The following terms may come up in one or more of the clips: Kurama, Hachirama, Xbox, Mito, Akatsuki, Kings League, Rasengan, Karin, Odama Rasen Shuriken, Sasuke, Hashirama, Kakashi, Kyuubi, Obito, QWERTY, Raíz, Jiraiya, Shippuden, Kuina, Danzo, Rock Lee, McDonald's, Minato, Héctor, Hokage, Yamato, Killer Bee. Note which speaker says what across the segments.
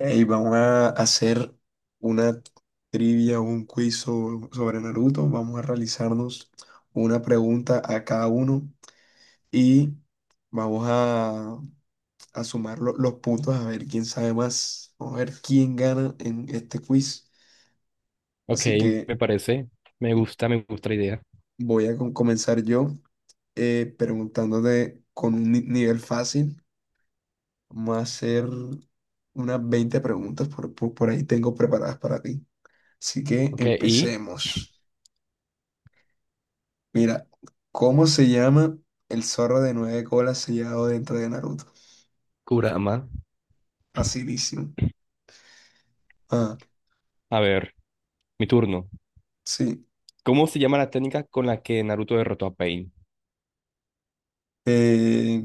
Speaker 1: Ey, vamos a hacer una trivia, un quiz sobre Naruto. Vamos a realizarnos una pregunta a cada uno y vamos a sumar los puntos a ver quién sabe más. Vamos a ver quién gana en este quiz.
Speaker 2: Ok,
Speaker 1: Así que
Speaker 2: me parece. Me gusta la idea.
Speaker 1: voy a comenzar yo, preguntándote con un nivel fácil. Vamos a hacer unas 20 preguntas por ahí tengo preparadas para ti. Así que
Speaker 2: Ok, y
Speaker 1: empecemos. Mira, ¿cómo se llama el zorro de nueve colas sellado dentro de Naruto?
Speaker 2: Kurama.
Speaker 1: Facilísimo. Ah,
Speaker 2: A ver, mi turno.
Speaker 1: sí.
Speaker 2: ¿Cómo se llama la técnica con la que Naruto derrotó a Pain?
Speaker 1: Eh,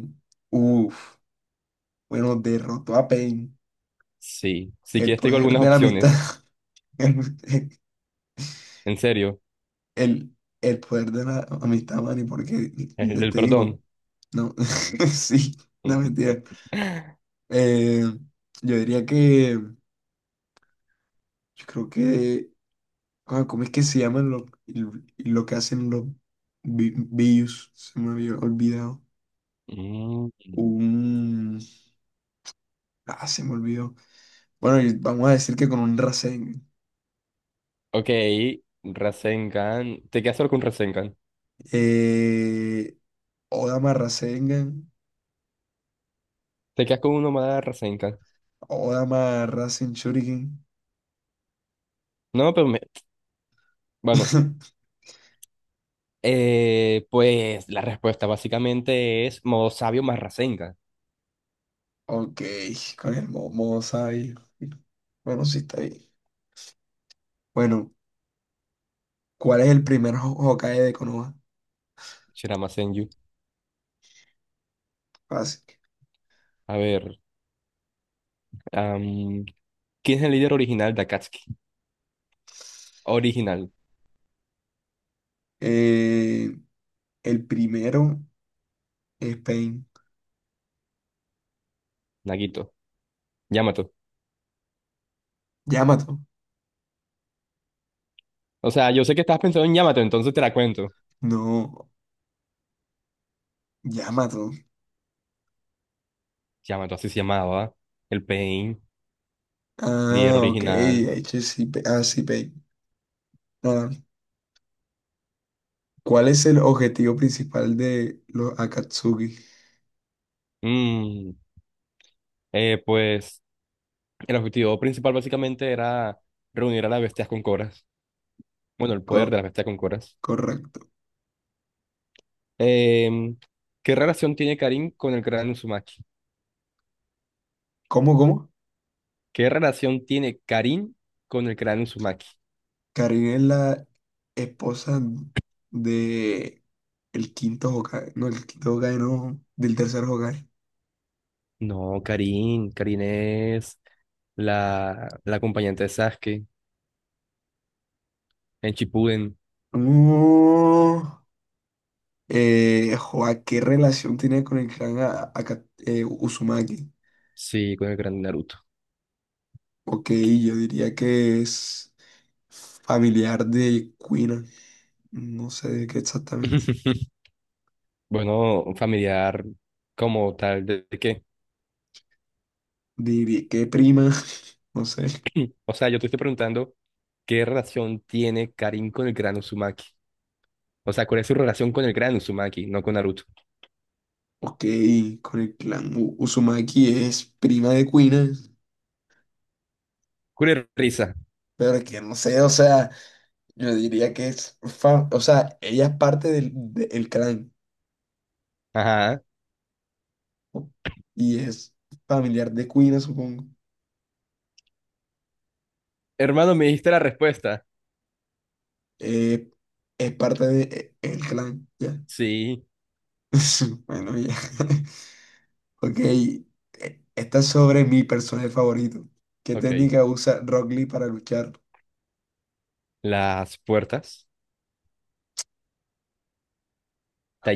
Speaker 1: uf, bueno, derrotó a Pain.
Speaker 2: Sí, si
Speaker 1: El
Speaker 2: quieres tengo
Speaker 1: poder
Speaker 2: algunas
Speaker 1: de la amistad.
Speaker 2: opciones.
Speaker 1: El,
Speaker 2: En serio,
Speaker 1: el, el poder de la amistad, Manny, porque
Speaker 2: el del
Speaker 1: te digo,
Speaker 2: perdón.
Speaker 1: no, sí, no mentira. Eh, yo diría que, yo creo que, ah, ¿cómo es que se llaman lo que hacen los Bius? Se me había olvidado.
Speaker 2: Mm.
Speaker 1: Un... Se me olvidó. Bueno, y vamos a decir que con un Rasengan.
Speaker 2: Ok, Rasengan. Te quedas solo con Rasengan.
Speaker 1: Eh, Odama Rasengan.
Speaker 2: Te quedas con uno más de Rasengan.
Speaker 1: Odama Rasen Shuriken.
Speaker 2: No, pero me... Bueno, pues la respuesta básicamente es modo sabio más Rasengan.
Speaker 1: Ok, con el Momo Sabio. Bueno, sí está bien. Bueno, ¿cuál es el primer Hokage de Konoha?
Speaker 2: Shirama Senju.
Speaker 1: Fácil.
Speaker 2: A ver. ¿Quién es el líder original de Akatsuki? Original,
Speaker 1: Eh, el primero es Pain.
Speaker 2: Nagito. Yamato.
Speaker 1: Yamato.
Speaker 2: O sea, yo sé que estabas pensando en Yamato, entonces te la cuento.
Speaker 1: No, Yamato.
Speaker 2: Yamato así se llamaba. El Pain, líder
Speaker 1: Ah, ok,
Speaker 2: original.
Speaker 1: de hecho sí, sí, Pain. ¿Cuál es el objetivo principal de los Akatsuki?
Speaker 2: Mm, pues el objetivo principal básicamente era reunir a las bestias con coras. Bueno, el poder de
Speaker 1: Co-
Speaker 2: las bestias con coras.
Speaker 1: correcto.
Speaker 2: Em, ¿Qué relación tiene Karin con el gran Uzumaki?
Speaker 1: ¿Cómo, cómo?
Speaker 2: ¿Qué relación tiene Karin con el gran Uzumaki?
Speaker 1: Karin es la esposa de el quinto Hokage. No, el quinto Hokage no, del tercer Hokage.
Speaker 2: No, Karin. Karin es la acompañante de Sasuke. En Shippuden,
Speaker 1: No. Joa, ¿qué relación tiene con el clan Uzumaki?
Speaker 2: sí, con el gran Naruto.
Speaker 1: Ok, yo diría que es familiar de Kuina. No sé de qué exactamente.
Speaker 2: Bueno, familiar como tal, ¿de qué?
Speaker 1: Diría que prima, no sé.
Speaker 2: O sea, yo te estoy preguntando qué relación tiene Karin con el gran Uzumaki. O sea, ¿cuál es su relación con el gran Uzumaki, no con Naruto?
Speaker 1: Ok, con el clan Uzumaki es prima de Kuina,
Speaker 2: Cure risa.
Speaker 1: pero que no sé. O sea, yo diría que es, o sea, ella es parte el clan,
Speaker 2: Ajá.
Speaker 1: ¿no? Y es familiar de Kuina, supongo.
Speaker 2: Hermano, me dijiste la respuesta.
Speaker 1: Eh, es parte de el clan, ya.
Speaker 2: Sí,
Speaker 1: Bueno, ya. Ok, esta es sobre mi personaje favorito. ¿Qué
Speaker 2: ok.
Speaker 1: técnica usa Rock Lee para luchar?
Speaker 2: Las puertas.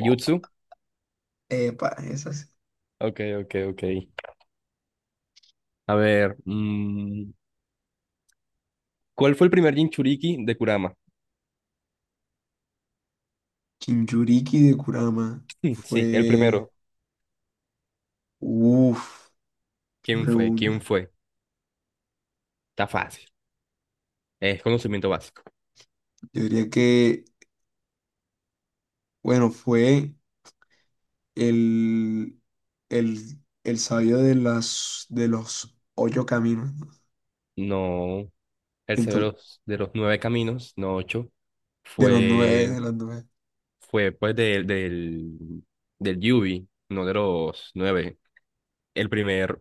Speaker 1: Oh, epa, esas.
Speaker 2: Ok, ok, ok. A ver, ¿cuál fue el primer Jinchuriki de Kurama?
Speaker 1: Jinchuriki de Kurama
Speaker 2: Sí, el
Speaker 1: fue.
Speaker 2: primero.
Speaker 1: Uf, qué
Speaker 2: ¿Quién fue? ¿Quién
Speaker 1: pregunta.
Speaker 2: fue? Está fácil. Es conocimiento básico.
Speaker 1: Yo diría que, bueno, fue el, el sabio de los ocho caminos, ¿no?
Speaker 2: No, el
Speaker 1: Ento-
Speaker 2: cerebro de los nueve caminos, no ocho,
Speaker 1: de los nueve, de
Speaker 2: fue,
Speaker 1: los nueve.
Speaker 2: fue pues del Yubi, no de los nueve. El primer,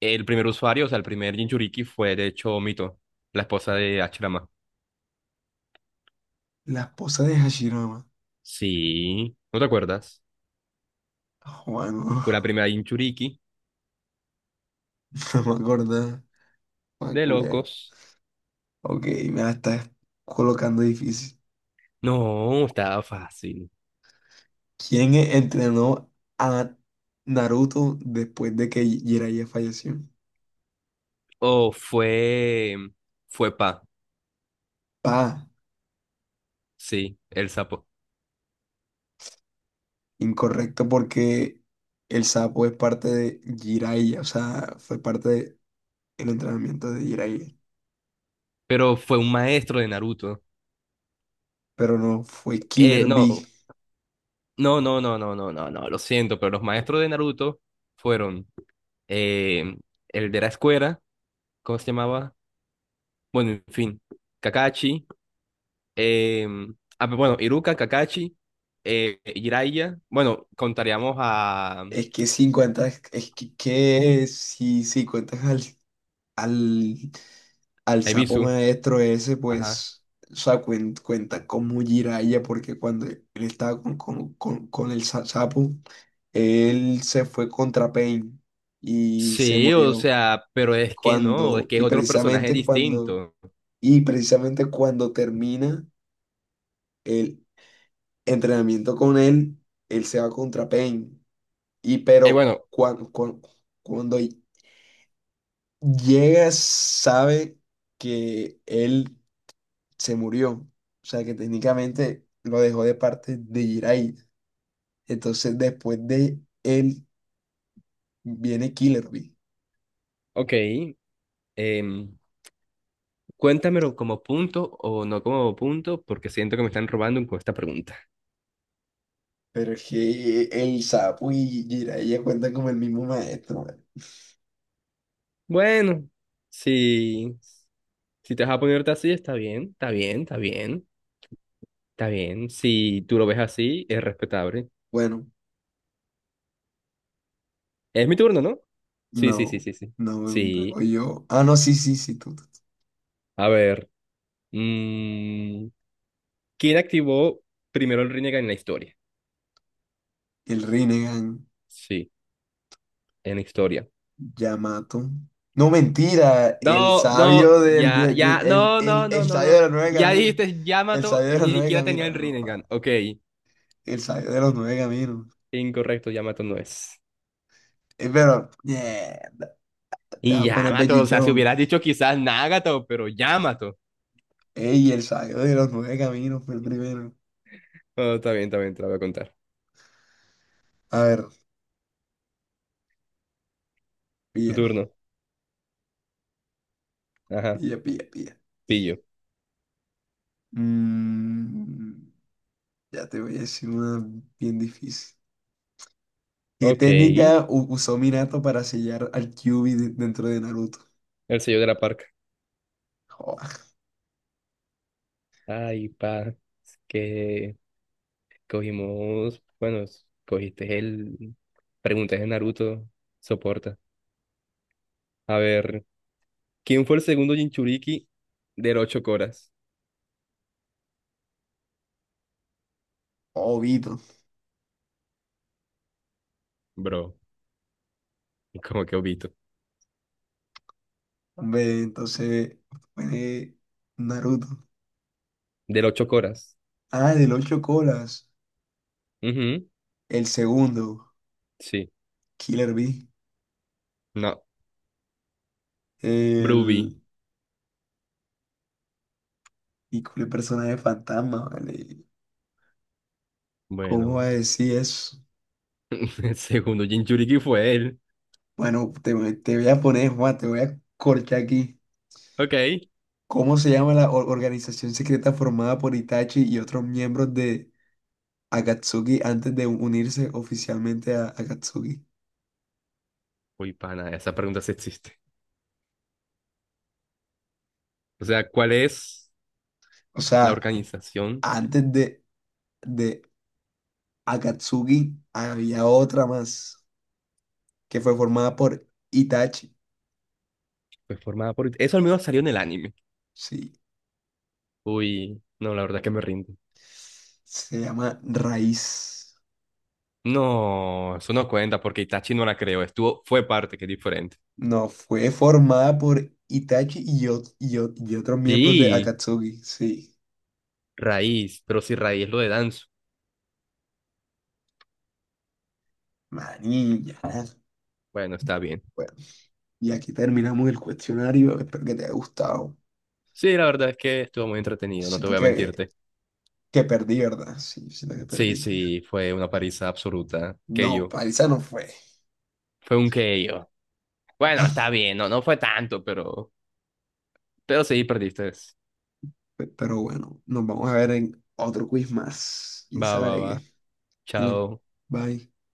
Speaker 2: el primer usuario, o sea, el primer Jinchuriki fue de hecho Mito, la esposa de Hachirama.
Speaker 1: La esposa de Hashirama.
Speaker 2: Sí, ¿no te acuerdas?
Speaker 1: Juan, no,
Speaker 2: Fue la primera Jinchuriki
Speaker 1: no me acordaba. Ah,
Speaker 2: de
Speaker 1: culé.
Speaker 2: locos.
Speaker 1: Ok, me la estás colocando difícil.
Speaker 2: No, estaba fácil.
Speaker 1: ¿Quién entrenó a Naruto después de que Jiraiya falleció?
Speaker 2: O fue, fue Pa,
Speaker 1: Pa.
Speaker 2: sí, el sapo.
Speaker 1: Incorrecto porque el sapo es parte de Jiraiya, o sea, fue parte del entrenamiento de Jiraiya,
Speaker 2: Pero fue un maestro de Naruto.
Speaker 1: pero no fue Killer
Speaker 2: No,
Speaker 1: Bee.
Speaker 2: no, no, no, no, no, no, no, lo siento, pero los maestros de Naruto fueron eh, el de la escuela, ¿cómo se llamaba? Bueno, en fin, Kakashi, eh, pero bueno, Iruka, Kakashi, Jiraiya, bueno, contaríamos a
Speaker 1: Es que si cuentas al, al sapo
Speaker 2: Ibisu,
Speaker 1: maestro ese,
Speaker 2: ajá.
Speaker 1: pues, o sea, cuenta como Jiraiya, porque cuando él estaba con el sapo, él se fue contra Pain y se
Speaker 2: Sí, o
Speaker 1: murió.
Speaker 2: sea, pero es que no, es
Speaker 1: Cuando,
Speaker 2: que es
Speaker 1: y
Speaker 2: otro personaje
Speaker 1: precisamente cuando
Speaker 2: distinto.
Speaker 1: Y precisamente cuando termina el entrenamiento con él, él se va contra Pain. Y pero
Speaker 2: Bueno,
Speaker 1: cuando, llega, sabe que él se murió. O sea, que técnicamente lo dejó de parte de Jiraiya. Entonces, después de él, viene Killer Bee.
Speaker 2: ok, em, cuéntamelo como punto o no como punto, porque siento que me están robando con esta pregunta.
Speaker 1: Pero es que el sapo y Jiraiya cuentan como el mismo maestro, man.
Speaker 2: Bueno, si, si te vas a ponerte así, está bien, está bien, está bien, está bien. Si tú lo ves así, es respetable.
Speaker 1: Bueno,
Speaker 2: Es mi turno, ¿no? Sí, sí, sí,
Speaker 1: no,
Speaker 2: sí, sí.
Speaker 1: no vengo
Speaker 2: Sí.
Speaker 1: yo. Ah, no, sí, sí, sí, tú.
Speaker 2: A ver. mm, ¿Quién activó primero el Rinnegan en la historia?
Speaker 1: El Rinnegan,
Speaker 2: Sí, en la historia.
Speaker 1: Yamato. No, mentira, el
Speaker 2: No, no,
Speaker 1: sabio del,
Speaker 2: ya, ya,
Speaker 1: de-
Speaker 2: no, no, no,
Speaker 1: el
Speaker 2: no,
Speaker 1: sabio de
Speaker 2: no.
Speaker 1: los nueve
Speaker 2: Ya
Speaker 1: caminos.
Speaker 2: dijiste
Speaker 1: El
Speaker 2: Yamato
Speaker 1: sabio de
Speaker 2: y
Speaker 1: los
Speaker 2: ni
Speaker 1: nueve
Speaker 2: siquiera tenía
Speaker 1: caminos.
Speaker 2: el
Speaker 1: No,
Speaker 2: Rinnegan.
Speaker 1: va,
Speaker 2: Ok,
Speaker 1: el sabio de los nueve caminos.
Speaker 2: incorrecto, Yamato no es.
Speaker 1: Pero, yeah, te
Speaker 2: Y
Speaker 1: vas a poner
Speaker 2: Yamato, o sea, si
Speaker 1: pellichón.
Speaker 2: hubieras dicho quizás Nagato, pero Yamato.
Speaker 1: Ey, el sabio de los nueve caminos fue el primero.
Speaker 2: Oh, está bien, te la voy a contar.
Speaker 1: A ver,
Speaker 2: Tu
Speaker 1: pilla,
Speaker 2: turno. Ajá,
Speaker 1: pilla, pilla, pilla.
Speaker 2: pillo.
Speaker 1: Mm, ya te voy a decir una bien difícil. ¿Qué
Speaker 2: Ok, el
Speaker 1: técnica usó Minato para sellar al Kyuubi dentro de Naruto?
Speaker 2: sello de la parca.
Speaker 1: Joder,
Speaker 2: Ay, pa, es que cogimos, bueno, s- cogiste el... Preguntas de Naruto, soporta. A ver, ¿quién fue el segundo Jinchuriki del ocho coras?
Speaker 1: Obito.
Speaker 2: Bro, como que obito.
Speaker 1: Ve, entonces, fue Naruto.
Speaker 2: Del ocho coras.
Speaker 1: Ah, del ocho colas.
Speaker 2: Ujú,
Speaker 1: El segundo,
Speaker 2: sí.
Speaker 1: Killer Bee.
Speaker 2: No, Bruby.
Speaker 1: El. Y con el personaje fantasma, ¿vale? ¿Cómo va a
Speaker 2: Bueno,
Speaker 1: decir eso?
Speaker 2: el segundo Jinchuriki fue él.
Speaker 1: Bueno, te voy a poner, Juan, te voy a corchar aquí.
Speaker 2: Ok.
Speaker 1: ¿Cómo se llama la organización secreta formada por Itachi y otros miembros de Akatsuki antes de unirse oficialmente a Akatsuki?
Speaker 2: Uy, pana, esa pregunta sí existe. O sea, ¿cuál es
Speaker 1: O
Speaker 2: la
Speaker 1: sea,
Speaker 2: organización
Speaker 1: antes de Akatsuki había otra más que fue formada por Itachi.
Speaker 2: pues, formada por... Eso al menos salió en el anime.
Speaker 1: Sí,
Speaker 2: Uy, no, la verdad que me rindo.
Speaker 1: se llama Raíz.
Speaker 2: No, eso no cuenta porque Itachi no la creó. Estuvo, fue parte, que es diferente.
Speaker 1: No, fue formada por Itachi y otros miembros de
Speaker 2: Sí,
Speaker 1: Akatsuki. Sí,
Speaker 2: Raíz, pero si Raíz lo de Danzo.
Speaker 1: manilla.
Speaker 2: Bueno, está bien.
Speaker 1: Bueno, y aquí terminamos el cuestionario. Espero que te haya gustado.
Speaker 2: Sí, la verdad es que estuvo muy entretenido, no te
Speaker 1: Siento
Speaker 2: voy a
Speaker 1: que,
Speaker 2: mentirte.
Speaker 1: que perdí, ¿verdad? Sí, siento que
Speaker 2: Sí,
Speaker 1: perdí.
Speaker 2: sí, fue una paliza absoluta.
Speaker 1: No,
Speaker 2: Yo
Speaker 1: paliza no fue.
Speaker 2: Fue un yo Bueno, está bien, no, no fue tanto, pero... Pero sí, perdiste.
Speaker 1: Pero bueno, nos vamos a ver en otro quiz más. ¿Quién
Speaker 2: Va,
Speaker 1: sabe
Speaker 2: va,
Speaker 1: de
Speaker 2: va.
Speaker 1: qué? Dale,
Speaker 2: Chao.
Speaker 1: bye.